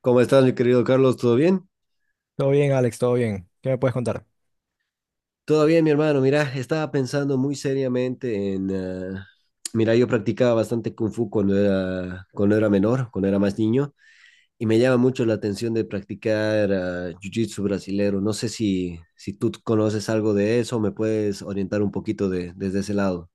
¿Cómo estás, mi querido Carlos? ¿Todo bien? Todo bien, Alex, todo bien. ¿Qué me puedes contar? Todo bien, mi hermano. Mira, estaba pensando muy seriamente en... mira, yo practicaba bastante Kung Fu cuando era menor, cuando era más niño, y me llama mucho la atención de practicar Jiu-Jitsu brasilero. No sé si tú conoces algo de eso, me puedes orientar un poquito desde ese lado.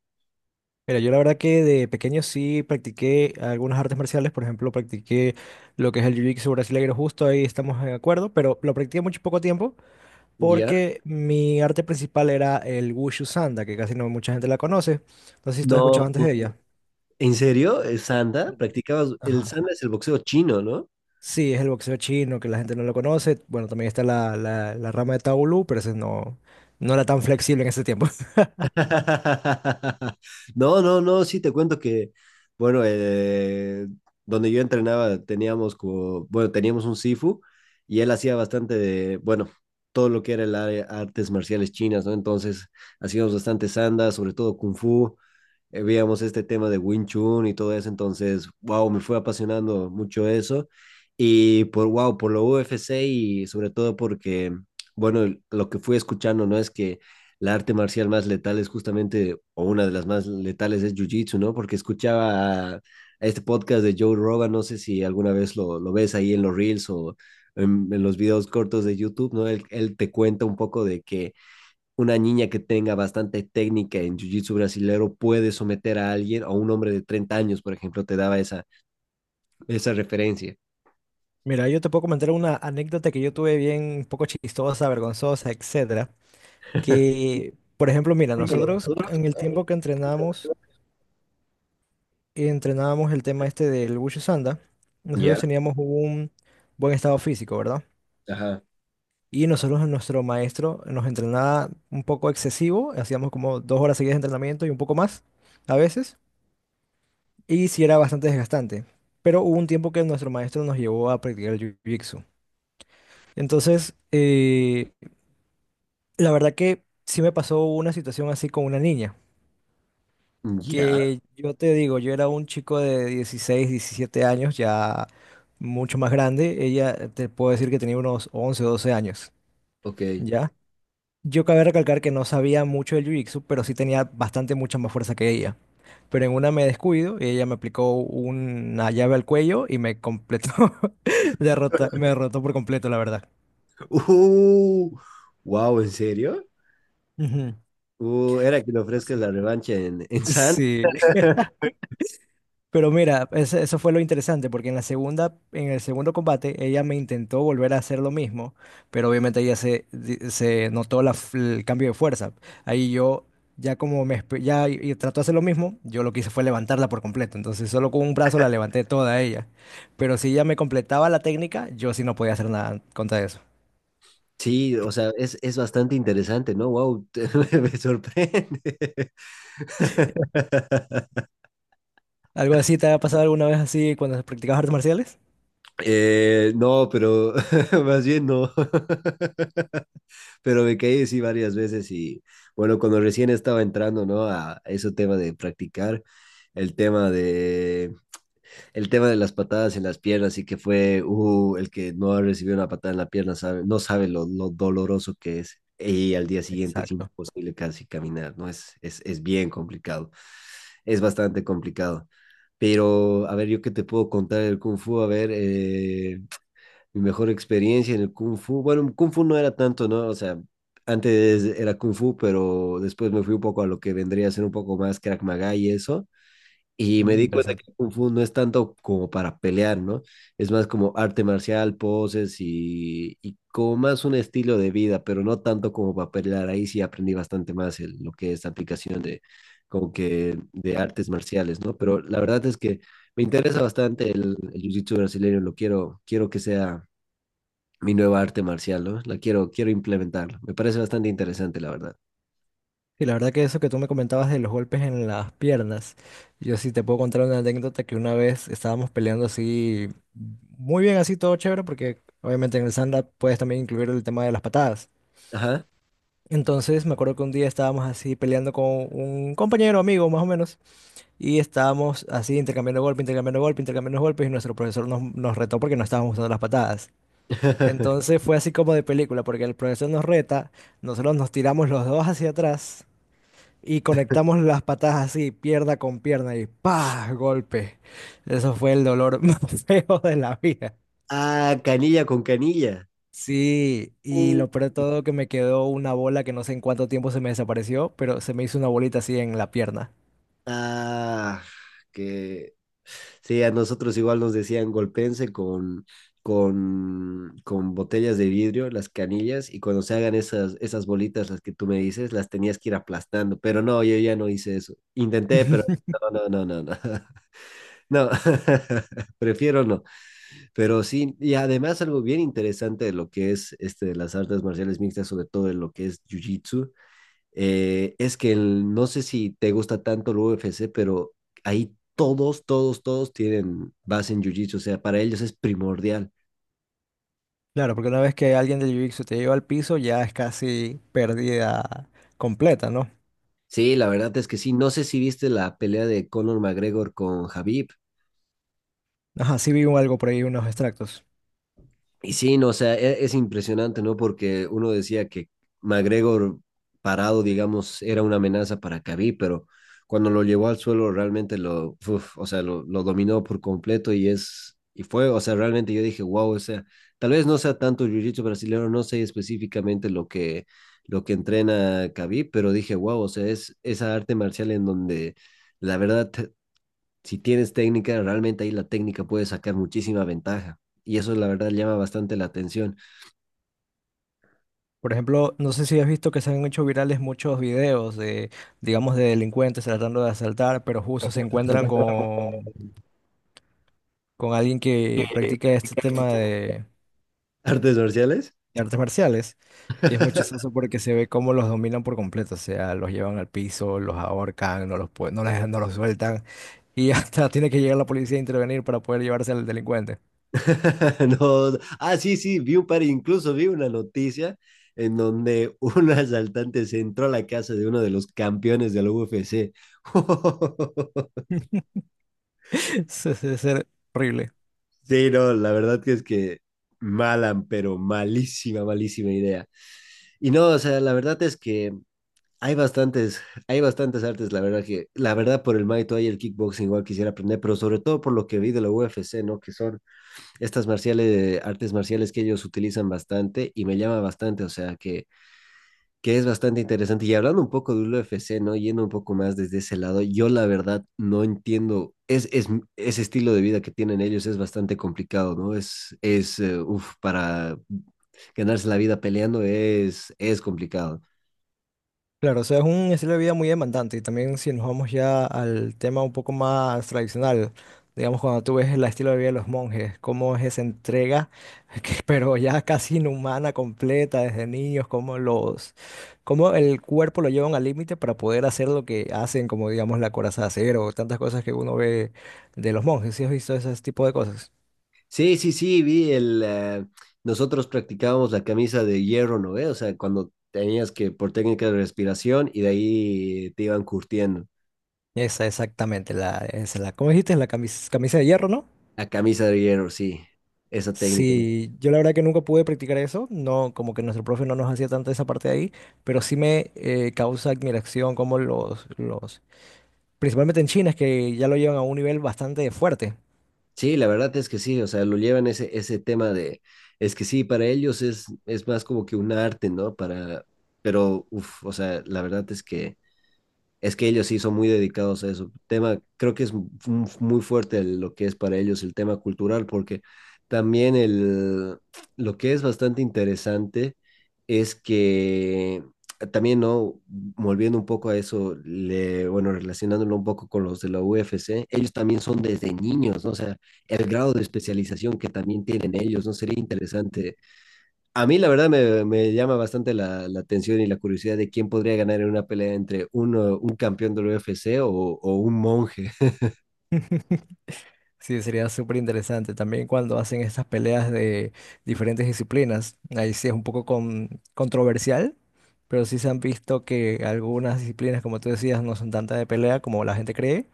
Mira, yo la verdad que de pequeño sí practiqué algunas artes marciales, por ejemplo, practiqué lo que es el Jiu-Jitsu brasileño, justo ahí estamos de acuerdo, pero lo practiqué mucho poco tiempo ¿Ya? porque mi arte principal era el Wushu Sanda, que casi no mucha gente la conoce. No sé si tú has No, escuchado antes de ella. ¿en serio? ¿El Sanda? Ujú. ¿Practicabas? El Ajá. Sanda es el boxeo chino, ¿no? Sí, es el boxeo chino, que la gente no lo conoce. Bueno, también está la rama de Taolu, pero ese no, no era tan flexible en ese tiempo. No, no, no, sí te cuento que, bueno, donde yo entrenaba teníamos como, bueno, teníamos un Sifu y él hacía bastante de, bueno, todo lo que era el área artes marciales chinas, ¿no? Entonces hacíamos bastante sanda, sobre todo Kung Fu, veíamos este tema de Wing Chun y todo eso, entonces, wow, me fue apasionando mucho eso. Y por, wow, por lo UFC y sobre todo porque, bueno, lo que fui escuchando, ¿no? Es que la arte marcial más letal es justamente, o una de las más letales es Jiu-Jitsu, ¿no? Porque escuchaba a este podcast de Joe Rogan, no sé si alguna vez lo ves ahí en los reels o en los videos cortos de YouTube, ¿no? Él te cuenta un poco de que una niña que tenga bastante técnica en jiu-jitsu brasilero puede someter a alguien, a un hombre de 30 años, por ejemplo, te daba esa, esa referencia. Mira, yo te puedo comentar una anécdota que yo tuve bien un poco chistosa, vergonzosa, etcétera. Que, por ejemplo, mira, nosotros en el tiempo que entrenamos, entrenábamos el tema este del Wushu Sanda, nosotros Ya, teníamos un buen estado físico, ¿verdad? ajá, Y nosotros, nuestro maestro nos entrenaba un poco excesivo, hacíamos como 2 horas seguidas de entrenamiento y un poco más a veces, y sí era bastante desgastante. Pero hubo un tiempo que nuestro maestro nos llevó a practicar el Jiu-Jitsu. Entonces, la verdad que sí me pasó una situación así con una niña, ya, que yo te digo, yo era un chico de 16 17 años, ya mucho más grande, ella te puedo decir que tenía unos 11 o 12 años, ok. ¿ya? Yo cabe recalcar que no sabía mucho del jiu-jitsu, pero sí tenía bastante mucha más fuerza que ella. Pero en una me descuido y ella me aplicó una llave al cuello y me completó, derrota, me derrotó por completo, la verdad. Uh, wow, ¿en serio? Ujú. Era que le Entonces, ofrezcas la revancha en San. sí, pero mira, eso fue lo interesante, porque en la segunda, en el segundo combate, ella me intentó volver a hacer lo mismo, pero obviamente ella se notó el cambio de fuerza. Ahí yo, ya como me, ya y trató de hacer lo mismo, yo lo que hice fue levantarla por completo. Entonces solo con un brazo la levanté toda a ella. Pero si ella me completaba la técnica, yo sí no podía hacer nada contra eso. Sí, o sea, es bastante interesante, ¿no? Wow, me sorprende. ¿Algo así te ha pasado alguna vez así cuando practicabas artes marciales? No, pero más bien no. Pero me caí sí varias veces y bueno, cuando recién estaba entrando, ¿no? A ese tema de practicar, el tema de, el tema de las patadas en las piernas y que fue, el que no ha recibido una patada en la pierna sabe, no sabe lo doloroso que es y al día siguiente es Exacto. imposible casi caminar, ¿no? Es bien complicado, es bastante complicado. Pero, a ver, yo qué te puedo contar del Kung Fu, a ver, mi mejor experiencia en el Kung Fu. Bueno, Kung Fu no era tanto, ¿no? O sea, antes era Kung Fu, pero después me fui un poco a lo que vendría a ser un poco más Krav Maga y eso. Y me Mm, di cuenta que interesante. el Kung Fu no es tanto como para pelear, ¿no? Es más como arte marcial, poses y como más un estilo de vida, pero no tanto como para pelear. Ahí sí aprendí bastante más lo que es la aplicación de, como que de artes marciales, ¿no? Pero la verdad es que me interesa bastante el jiu-jitsu brasileño, lo quiero que sea mi nueva arte marcial, ¿no? La quiero implementar. Me parece bastante interesante, la verdad. Y la verdad que eso que tú me comentabas de los golpes en las piernas, yo sí te puedo contar una anécdota que una vez estábamos peleando así, muy bien así, todo chévere, porque obviamente en el stand-up puedes también incluir el tema de las patadas. Ajá. Entonces me acuerdo que un día estábamos así peleando con un compañero, amigo más o menos, y estábamos así intercambiando golpes, intercambiando golpes, intercambiando golpes, y nuestro profesor nos retó porque no estábamos usando las patadas. Entonces fue así como de película, porque el profesor nos reta, nosotros nos tiramos los dos hacia atrás y conectamos las patas así, pierna con pierna y ¡pah! Golpe. Eso fue el dolor más feo de la vida. Ah, canilla con canilla. Sí, y Uh, lo peor de todo que me quedó una bola que no sé en cuánto tiempo se me desapareció, pero se me hizo una bolita así en la pierna. Ah, que sí, a nosotros igual nos decían golpense con, con botellas de vidrio, las canillas, y cuando se hagan esas bolitas, las que tú me dices, las tenías que ir aplastando, pero no, yo ya no hice eso. Intenté, pero no, no, no, no, no. No, prefiero no. Pero sí, y además algo bien interesante de lo que es este de las artes marciales mixtas, sobre todo de lo que es Jiu-Jitsu, es que no sé si te gusta tanto el UFC, pero ahí todos tienen base en Jiu-Jitsu, o sea, para ellos es primordial. Claro, porque una vez que alguien del jiu-jitsu te lleva al piso, ya es casi pérdida completa, ¿no? Sí, la verdad es que sí. No sé si viste la pelea de Conor McGregor con Habib. Ajá, sí vi algo por ahí, unos extractos. Y sí, no, o sea, es, impresionante, ¿no? Porque uno decía que McGregor parado, digamos, era una amenaza para Khabib, pero cuando lo llevó al suelo realmente lo, uf, o sea, lo dominó por completo y es, y fue, o sea, realmente yo dije, wow, o sea, tal vez no sea tanto jiu-jitsu brasileño, no sé específicamente lo lo que entrena Khabib, pero dije, wow, o sea, es esa arte marcial en donde la verdad si tienes técnica, realmente ahí la técnica puede sacar muchísima ventaja. Y eso la verdad llama bastante la atención. Por ejemplo, no sé si has visto que se han hecho virales muchos videos de, digamos, de delincuentes tratando de asaltar, pero justo se encuentran con alguien que practica este tema ¿Artes marciales? de artes marciales. Y es muy chistoso porque se ve cómo los dominan por completo. O sea, los llevan al piso, los ahorcan, no los, no no los sueltan. Y hasta tiene que llegar la policía a intervenir para poder llevarse al delincuente. No, ah, sí, sí, vi un par, incluso vi una noticia en donde un asaltante se entró a la casa de uno de los campeones de la UFC. Es, es horrible. Sí, no, la verdad que es que mala, pero malísima, malísima idea. Y no, o sea, la verdad es que hay bastantes, hay bastantes artes, la verdad que, la verdad por el Muay Thai y el kickboxing igual quisiera aprender, pero sobre todo por lo que vi de la UFC, ¿no? Que son estas marciales, artes marciales que ellos utilizan bastante y me llama bastante, o sea que es bastante interesante. Y hablando un poco del UFC, ¿no? Yendo un poco más desde ese lado, yo la verdad no entiendo, ese estilo de vida que tienen ellos es bastante complicado, ¿no? Es, uf, para ganarse la vida peleando es complicado. Claro, o sea, es un estilo de vida muy demandante y también si nos vamos ya al tema un poco más tradicional, digamos cuando tú ves el estilo de vida de los monjes, cómo es esa entrega, pero ya casi inhumana, completa desde niños, cómo el cuerpo lo llevan al límite para poder hacer lo que hacen, como digamos la coraza de acero, tantas cosas que uno ve de los monjes, ¿sí has visto ese tipo de cosas? Sí, sí, sí, vi el... nosotros practicábamos la camisa de hierro, ¿no? ¿Ve? O sea, cuando tenías que por técnica de respiración y de ahí te iban curtiendo. Esa exactamente, ¿cómo dijiste? La camisa de hierro, ¿no? La camisa de hierro, sí, esa técnica, ¿no? Sí, yo la verdad que nunca pude practicar eso, no, como que nuestro profe no nos hacía tanta esa parte de ahí, pero sí me causa admiración como principalmente en China, es que ya lo llevan a un nivel bastante fuerte. Sí, la verdad es que sí, o sea, lo llevan ese tema de... Es que sí, para ellos es más como que un arte, ¿no? Para... Pero, uff, o sea, la verdad es que... Es que ellos sí son muy dedicados a eso. Tema, creo que es muy fuerte lo que es para ellos el tema cultural, porque también lo que es bastante interesante es que también, ¿no? Volviendo un poco a eso, le, bueno, relacionándolo un poco con los de la UFC, ellos también son desde niños, ¿no? O sea, el grado de especialización que también tienen ellos, ¿no? Sería interesante, a mí la verdad me, me llama bastante la atención y la curiosidad de quién podría ganar en una pelea entre uno, un campeón del UFC o un monje. Sí, sería súper interesante también cuando hacen estas peleas de diferentes disciplinas. Ahí sí es un poco controversial, pero sí se han visto que algunas disciplinas, como tú decías, no son tanta de pelea como la gente cree.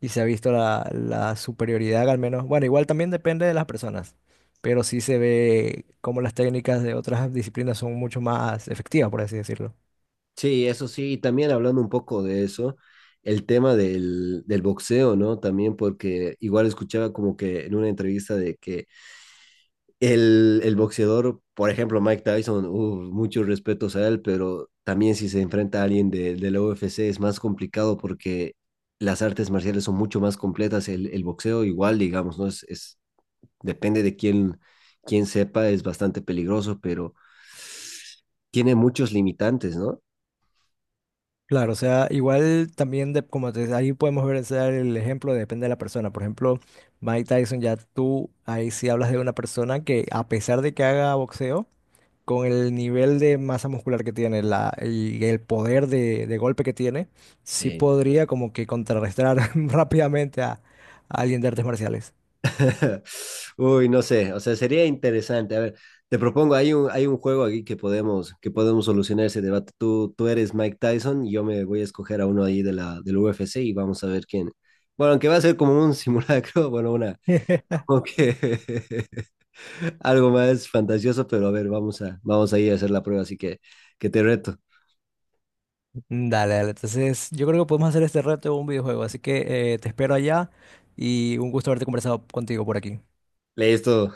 Y se ha visto la superioridad, al menos. Bueno, igual también depende de las personas, pero sí se ve cómo las técnicas de otras disciplinas son mucho más efectivas, por así decirlo. Sí, eso sí, y también hablando un poco de eso, el tema del boxeo, ¿no? También porque igual escuchaba como que en una entrevista de que el boxeador, por ejemplo, Mike Tyson, uf, muchos respetos a él, pero también si se enfrenta a alguien de la UFC es más complicado porque las artes marciales son mucho más completas. El boxeo igual, digamos, ¿no? Depende de quién, quién sepa, es bastante peligroso, pero tiene muchos limitantes, ¿no? Claro, o sea, igual también, de, como te, ahí podemos ver o sea, el ejemplo, depende de la persona. Por ejemplo, Mike Tyson, ya tú ahí sí hablas de una persona que a pesar de que haga boxeo, con el nivel de masa muscular que tiene la, y el poder de golpe que tiene, sí Sí. podría como que contrarrestar rápidamente a alguien de artes marciales. Uy, no sé, o sea, sería interesante. A ver, te propongo, hay un juego aquí que podemos solucionar ese debate. Tú eres Mike Tyson, y yo me voy a escoger a uno ahí de del UFC y vamos a ver quién. Bueno, aunque va a ser como un simulacro, bueno, una, como que algo más fantasioso, pero a ver, vamos vamos a ir a hacer la prueba, así que te reto. Dale, dale. Entonces, yo creo que podemos hacer este reto un videojuego. Así que te espero allá y un gusto haberte conversado contigo por aquí. Listo,